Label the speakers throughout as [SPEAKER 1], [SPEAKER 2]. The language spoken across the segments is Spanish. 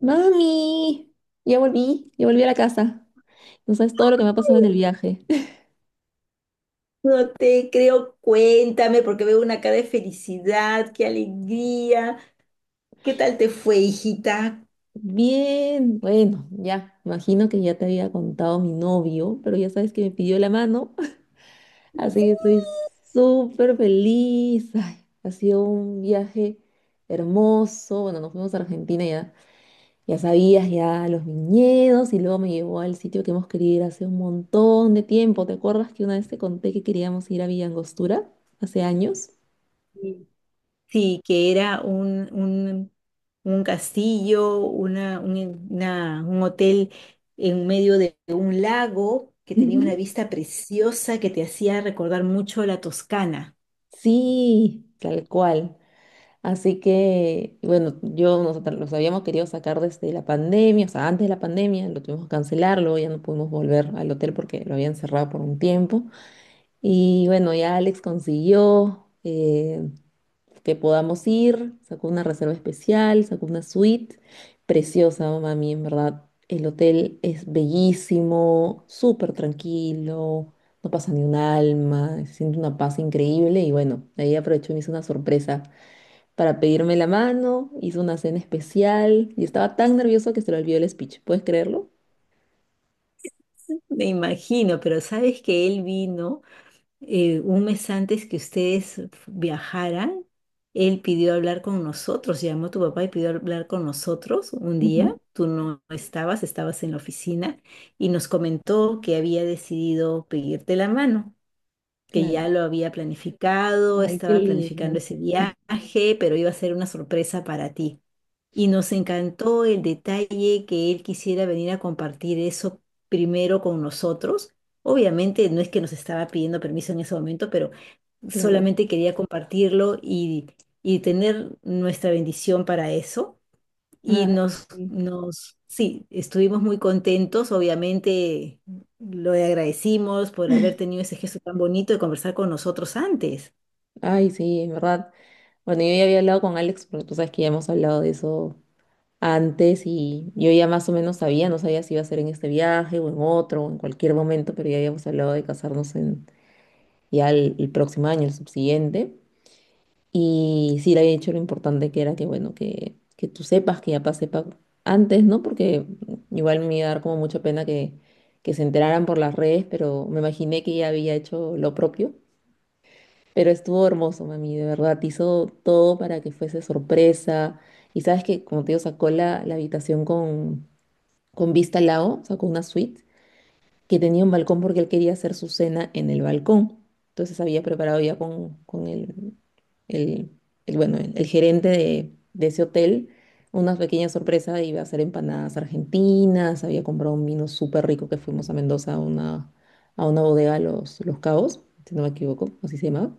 [SPEAKER 1] Mami, ya volví a la casa. No sabes todo lo que me ha pasado en el viaje.
[SPEAKER 2] No te creo, cuéntame, porque veo una cara de felicidad, qué alegría. ¿Qué tal te fue, hijita?
[SPEAKER 1] Bien, bueno, ya, imagino que ya te había contado mi novio, pero ya sabes que me pidió la mano. Así que estoy súper feliz. Ay, ha sido un viaje hermoso. Bueno, nos fuimos a Argentina. Ya, ya sabías, ya los viñedos, y luego me llevó al sitio que hemos querido ir hace un montón de tiempo. ¿Te acuerdas que una vez te conté que queríamos ir a Villa Angostura hace años?
[SPEAKER 2] Sí, sí, que era un castillo, un hotel en medio de un lago que tenía una vista preciosa que te hacía recordar mucho la Toscana.
[SPEAKER 1] Sí, tal cual. Así que, bueno, nosotros los habíamos querido sacar desde la pandemia, o sea, antes de la pandemia, lo tuvimos que cancelar, luego ya no pudimos volver al hotel porque lo habían cerrado por un tiempo. Y bueno, ya Alex consiguió, que podamos ir. Sacó una reserva especial, sacó una suite preciosa, mami, en verdad. El hotel es bellísimo, súper tranquilo, no pasa ni un alma, se siente una paz increíble, y bueno, ahí aprovechó y me hizo una sorpresa para pedirme la mano, hizo una cena especial y estaba tan nervioso que se le olvidó el speech, ¿puedes creerlo?
[SPEAKER 2] Me imagino, pero sabes que él vino un mes antes que ustedes viajaran, él pidió hablar con nosotros, llamó a tu papá y pidió hablar con nosotros un
[SPEAKER 1] Ujú.
[SPEAKER 2] día, tú no estabas, estabas en la oficina y nos comentó que había decidido pedirte la mano, que ya
[SPEAKER 1] Claro,
[SPEAKER 2] lo había planificado,
[SPEAKER 1] ay, qué
[SPEAKER 2] estaba planificando
[SPEAKER 1] lindo,
[SPEAKER 2] ese viaje, pero iba a ser una sorpresa para ti. Y nos encantó el detalle que él quisiera venir a compartir eso primero con nosotros. Obviamente no es que nos estaba pidiendo permiso en ese momento, pero
[SPEAKER 1] claro.
[SPEAKER 2] solamente quería compartirlo y tener nuestra bendición para eso.
[SPEAKER 1] Ay,
[SPEAKER 2] Y
[SPEAKER 1] sí,
[SPEAKER 2] sí, estuvimos muy contentos, obviamente lo agradecimos por haber tenido ese gesto tan bonito de conversar con nosotros antes.
[SPEAKER 1] ay, sí, en verdad. Bueno, yo ya había hablado con Alex, porque tú sabes que ya hemos hablado de eso antes, y yo ya más o menos sabía, no sabía si iba a ser en este viaje o en otro o en cualquier momento, pero ya habíamos hablado de casarnos en ya el próximo año, el subsiguiente. Y sí le había dicho lo importante que era que, bueno, que tú sepas, que ya sepa antes, ¿no? Porque igual me iba a dar como mucha pena que se enteraran por las redes, pero me imaginé que ya había hecho lo propio. Pero estuvo hermoso, mami, de verdad, hizo todo para que fuese sorpresa. Y sabes que, como te digo, sacó la habitación con vista al lago, sacó una suite que tenía un balcón porque él quería hacer su cena en el balcón. Entonces había preparado ya con el, bueno, el gerente de ese hotel una pequeña sorpresa, iba a hacer empanadas argentinas, había comprado un vino súper rico que fuimos a Mendoza a una bodega, a Los Cabos, si no me equivoco, así se llamaba.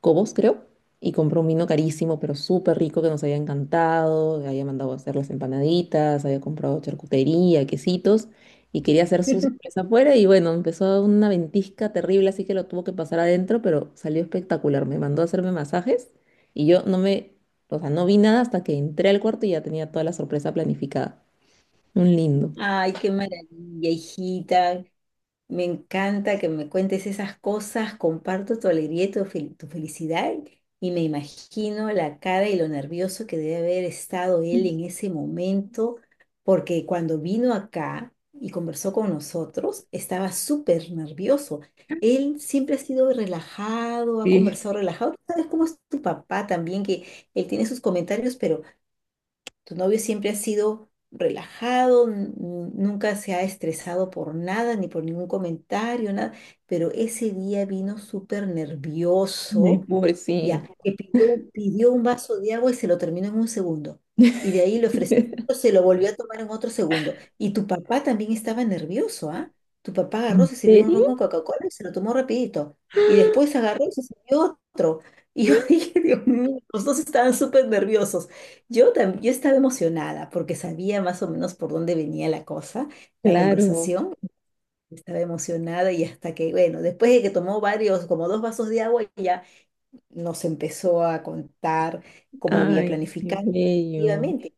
[SPEAKER 1] Cobos, creo, y compró un vino carísimo, pero súper rico que nos había encantado, había mandado a hacer las empanaditas, había comprado charcutería, quesitos, y quería hacer su sorpresa afuera, y bueno, empezó una ventisca terrible, así que lo tuvo que pasar adentro, pero salió espectacular, me mandó a hacerme masajes, y yo no me, o sea, no vi nada hasta que entré al cuarto y ya tenía toda la sorpresa planificada. Un lindo.
[SPEAKER 2] Ay, qué maravilla, hijita. Me encanta que me cuentes esas cosas, comparto tu alegría y tu felicidad y me imagino la cara y lo nervioso que debe haber estado él en ese momento, porque cuando vino acá y conversó con nosotros, estaba súper nervioso. Él siempre ha sido relajado, ha
[SPEAKER 1] Sí,
[SPEAKER 2] conversado relajado. Tú sabes cómo es tu papá también, que él tiene sus comentarios, pero tu novio siempre ha sido relajado, nunca se ha estresado por nada, ni por ningún comentario, nada, pero ese día vino súper
[SPEAKER 1] ay,
[SPEAKER 2] nervioso, ya,
[SPEAKER 1] pobrecito.
[SPEAKER 2] que pidió un vaso de agua y se lo terminó en un segundo. Y de ahí le ofreció otro, se lo volvió a tomar en otro segundo. Y tu papá también estaba nervioso, ¿ah? Tu papá agarró,
[SPEAKER 1] ¿En
[SPEAKER 2] se sirvió un ron
[SPEAKER 1] serio?
[SPEAKER 2] con Coca-Cola y se lo tomó rapidito. Y después agarró y se sirvió otro. Y yo dije, Dios mío, los dos estaban súper nerviosos. Yo estaba emocionada porque sabía más o menos por dónde venía la cosa, la
[SPEAKER 1] Claro.
[SPEAKER 2] conversación. Estaba emocionada y hasta que, bueno, después de que tomó varios, como dos vasos de agua, ya nos empezó a contar cómo había
[SPEAKER 1] Ay, qué
[SPEAKER 2] planificado
[SPEAKER 1] bello.
[SPEAKER 2] efectivamente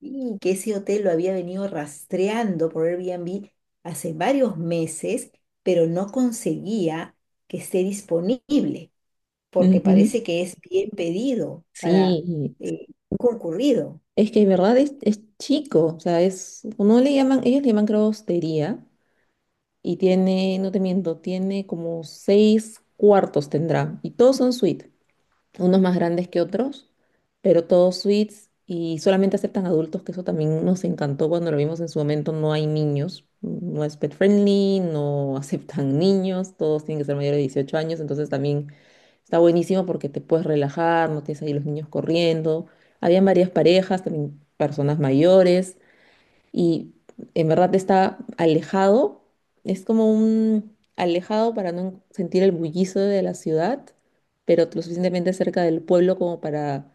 [SPEAKER 2] y que ese hotel lo había venido rastreando por Airbnb hace varios meses, pero no conseguía que esté disponible porque
[SPEAKER 1] Ujú.
[SPEAKER 2] parece que es bien pedido para
[SPEAKER 1] Sí,
[SPEAKER 2] eh, concurrido.
[SPEAKER 1] es que en verdad es chico, o sea, es, no le llaman, ellos le llaman creo hostería, y tiene, no te miento, tiene como seis cuartos tendrá, y todos son suite, unos más grandes que otros, pero todos suites, y solamente aceptan adultos, que eso también nos encantó cuando lo vimos en su momento, no hay niños, no es pet friendly, no aceptan niños, todos tienen que ser mayores de 18 años, entonces también está buenísimo porque te puedes relajar, no tienes ahí los niños corriendo, habían varias parejas, también personas mayores, y en verdad está alejado. Es como un alejado para no sentir el bullicio de la ciudad, pero lo suficientemente cerca del pueblo como para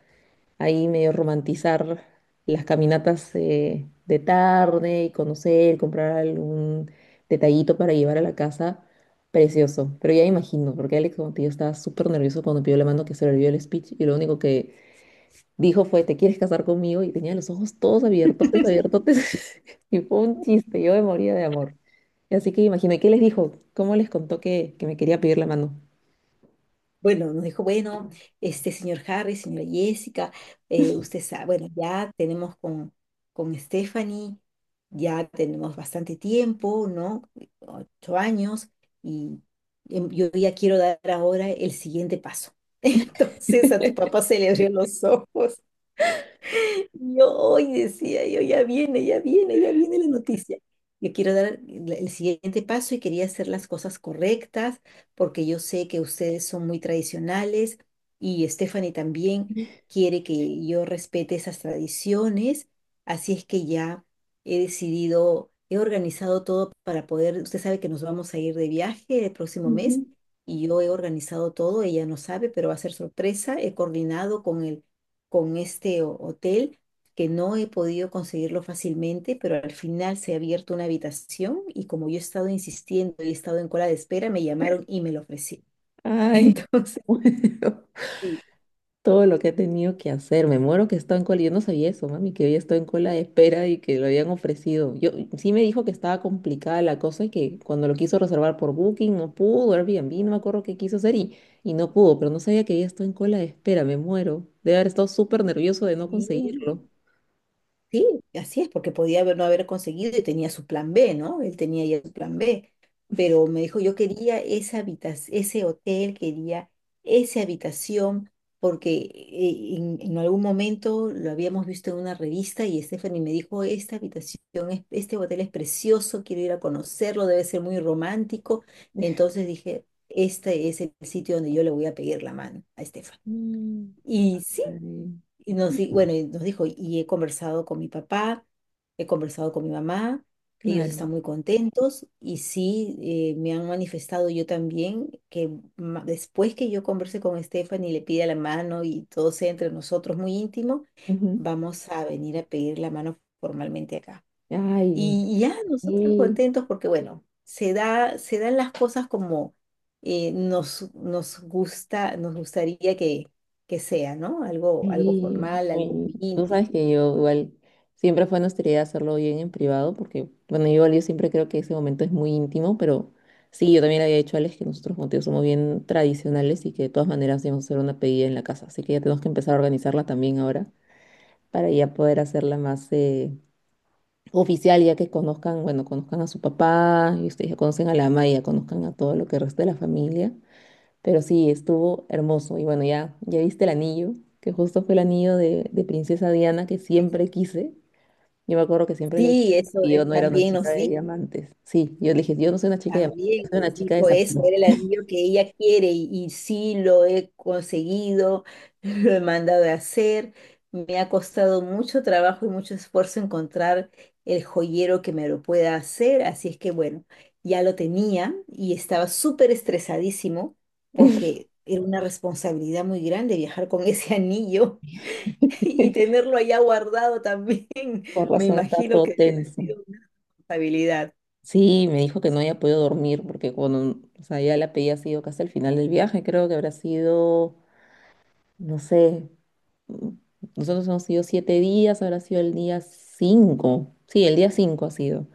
[SPEAKER 1] ahí medio romantizar las caminatas, de tarde, y conocer, comprar algún detallito para llevar a la casa. Precioso, pero ya imagino, porque Alex, como te digo, estaba súper nervioso cuando pidió la mano que se le olvidó el speech, y lo único que dijo fue, ¿te quieres casar conmigo? Y tenía los ojos todos abiertotes, abiertotes. Y fue un chiste, yo me moría de amor. Así que imagino, ¿y qué les dijo? ¿Cómo les contó que me quería pedir la mano?
[SPEAKER 2] Bueno, este señor Harry, señora Jessica, usted sabe, bueno, ya tenemos con Stephanie, ya tenemos bastante tiempo, ¿no? 8 años, y yo ya quiero dar ahora el siguiente paso. Entonces a tu papá se le abrió los ojos y yo hoy decía, yo ya viene, ya viene, ya viene la noticia. Yo quiero dar el siguiente paso y quería hacer las cosas correctas porque yo sé que ustedes son muy tradicionales y Stephanie también quiere que yo respete esas tradiciones. Así es que ya he decidido, he organizado todo para poder, usted sabe que nos vamos a ir de viaje el próximo mes
[SPEAKER 1] Ujú.
[SPEAKER 2] y yo he organizado todo, ella no sabe, pero va a ser sorpresa. He coordinado con este hotel que no he podido conseguirlo fácilmente, pero al final se ha abierto una habitación y como yo he estado insistiendo y he estado en cola de espera, me llamaron y me lo ofrecieron.
[SPEAKER 1] Ay,
[SPEAKER 2] Entonces,
[SPEAKER 1] bueno,
[SPEAKER 2] sí,
[SPEAKER 1] todo lo que he tenido que hacer. Me muero que estaba en cola. Yo no sabía eso, mami, que había estado en cola de espera y que lo habían ofrecido. Yo sí, me dijo que estaba complicada la cosa y que cuando lo quiso reservar por Booking no pudo, Airbnb, no me acuerdo qué quiso hacer y no pudo, pero no sabía que había estado en cola de espera. Me muero. Debe haber estado súper nervioso de no
[SPEAKER 2] sí,
[SPEAKER 1] conseguirlo.
[SPEAKER 2] sí, así es, porque no haber conseguido y tenía su plan B, ¿no? Él tenía ya su plan B, pero me dijo, yo quería esa habitación, ese hotel, quería esa habitación, porque en algún momento lo habíamos visto en una revista y Stephanie me dijo, esta habitación, este hotel es precioso, quiero ir a conocerlo, debe ser muy romántico. Entonces dije, este es el sitio donde yo le voy a pedir la mano a
[SPEAKER 1] Mm.
[SPEAKER 2] Stephanie.
[SPEAKER 1] Ay,
[SPEAKER 2] Y bueno, y nos dijo, y he conversado con mi papá, he conversado con mi mamá, ellos están
[SPEAKER 1] claro.
[SPEAKER 2] muy contentos y sí, me han manifestado yo también que después que yo converse con Stephanie y le pida la mano y todo sea entre nosotros muy íntimo,
[SPEAKER 1] Ujú.
[SPEAKER 2] vamos a venir a pedir la mano formalmente acá.
[SPEAKER 1] Ay,
[SPEAKER 2] Y ya nosotros
[SPEAKER 1] sí.
[SPEAKER 2] contentos porque, bueno, se dan las cosas como nos gusta, nos gustaría que sea, ¿no? Algo, algo
[SPEAKER 1] Sí,
[SPEAKER 2] formal, algo
[SPEAKER 1] y
[SPEAKER 2] muy
[SPEAKER 1] tú
[SPEAKER 2] íntimo.
[SPEAKER 1] sabes que yo igual siempre fue nuestra idea hacerlo bien en privado, porque bueno, yo, igual yo siempre creo que ese momento es muy íntimo, pero sí, yo también le había dicho a Alex que nosotros como tío somos bien tradicionales, y que de todas maneras íbamos a hacer una pedida en la casa, así que ya tenemos que empezar a organizarla también ahora para ya poder hacerla más oficial, ya que conozcan, bueno, conozcan a su papá y ustedes ya conocen a la mamá y ya conozcan a todo lo que resta de la familia. Pero sí, estuvo hermoso. Y bueno, ya, ya viste el anillo, que justo fue el anillo de princesa Diana que siempre quise. Yo me acuerdo que siempre le decía
[SPEAKER 2] Sí,
[SPEAKER 1] que yo no era una
[SPEAKER 2] también
[SPEAKER 1] chica
[SPEAKER 2] nos
[SPEAKER 1] de
[SPEAKER 2] dijo.
[SPEAKER 1] diamantes. Sí, yo le dije, yo no soy una chica de diamantes, yo
[SPEAKER 2] También
[SPEAKER 1] soy una
[SPEAKER 2] nos
[SPEAKER 1] chica de
[SPEAKER 2] dijo eso,
[SPEAKER 1] zafiro.
[SPEAKER 2] era el anillo que ella quiere y sí lo he conseguido, lo he mandado a hacer. Me ha costado mucho trabajo y mucho esfuerzo encontrar el joyero que me lo pueda hacer, así es que bueno, ya lo tenía y estaba súper estresadísimo porque era una responsabilidad muy grande viajar con ese anillo y tenerlo allá guardado también.
[SPEAKER 1] Por
[SPEAKER 2] Me
[SPEAKER 1] razón estaba
[SPEAKER 2] imagino
[SPEAKER 1] todo
[SPEAKER 2] que ha
[SPEAKER 1] tenso.
[SPEAKER 2] sido una responsabilidad.
[SPEAKER 1] Sí, me dijo que no había podido dormir porque cuando, o sea, ya la pedí ha sido casi al final del viaje, creo que habrá sido, no sé, mm, nosotros hemos sido 7 días, habrá sido el día 5. Sí, el día 5 ha sido.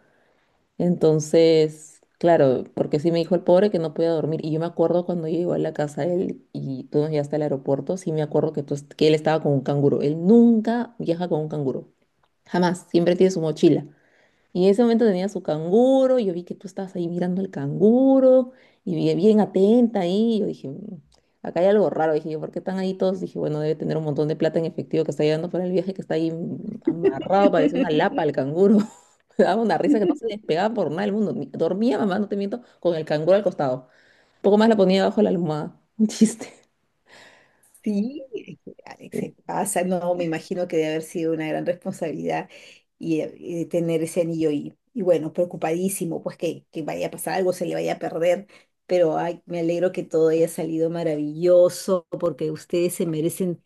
[SPEAKER 1] Entonces, claro, porque sí me dijo el pobre que no podía dormir. Y yo me acuerdo cuando yo llegó a la casa de él y tú nos llevaste al aeropuerto, sí me acuerdo que, que él estaba con un canguro. Él nunca viaja con un canguro. Jamás. Siempre tiene su mochila. Y en ese momento tenía su canguro, y yo vi que tú estabas ahí mirando al canguro, y bien atenta ahí, y yo dije, "Mm, acá hay algo raro", dije yo, ¿por qué están ahí todos? Dije, bueno, debe tener un montón de plata en efectivo que está llevando para el viaje, que está ahí, mm, amarrado, parece una lapa al canguro. Me daba una risa que no se despegaba por nada del mundo. Dormía, mamá, no te miento, con el canguro al costado. Un poco más la ponía debajo de la almohada. Un chiste.
[SPEAKER 2] Sí, es que, ah,
[SPEAKER 1] Sí,
[SPEAKER 2] se pasa, no, me imagino que debe haber sido una gran responsabilidad y tener ese anillo y bueno, preocupadísimo, pues que vaya a pasar algo, se le vaya a perder, pero ay, me alegro que todo haya salido maravilloso porque ustedes se merecen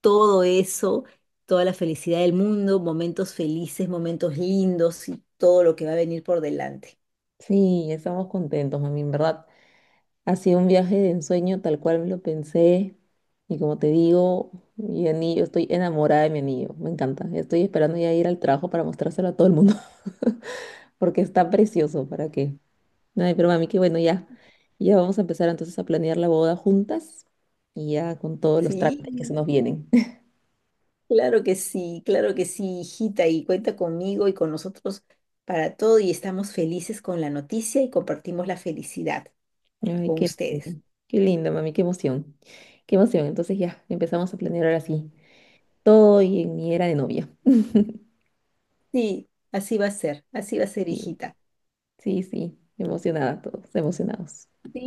[SPEAKER 2] todo eso, toda la felicidad del mundo, momentos felices, momentos lindos y todo lo que va a venir por delante.
[SPEAKER 1] sí, estamos contentos, mami, en verdad. Ha sido un viaje de ensueño tal cual me lo pensé. Y como te digo, mi anillo, estoy enamorada de mi anillo. Me encanta. Estoy esperando ya ir al trabajo para mostrárselo a todo el mundo. Porque está precioso. ¿Para qué? Ay, pero mami, qué bueno, ya. Ya vamos a empezar entonces a planear la boda juntas. Y ya con todos los trámites que se
[SPEAKER 2] Sí.
[SPEAKER 1] nos vienen.
[SPEAKER 2] Claro que sí, claro que sí, hijita, y cuenta conmigo y con nosotros para todo y estamos felices con la noticia y compartimos la felicidad
[SPEAKER 1] Ay,
[SPEAKER 2] con
[SPEAKER 1] qué
[SPEAKER 2] ustedes.
[SPEAKER 1] lindo. Qué lindo, mami. Qué emoción. Qué emoción. Entonces ya empezamos a planear ahora sí. Todo y en mi era de novia.
[SPEAKER 2] Sí, así va a ser, así va a ser,
[SPEAKER 1] Y
[SPEAKER 2] hijita.
[SPEAKER 1] sí, sí, emocionada todos, emocionados.
[SPEAKER 2] Sí,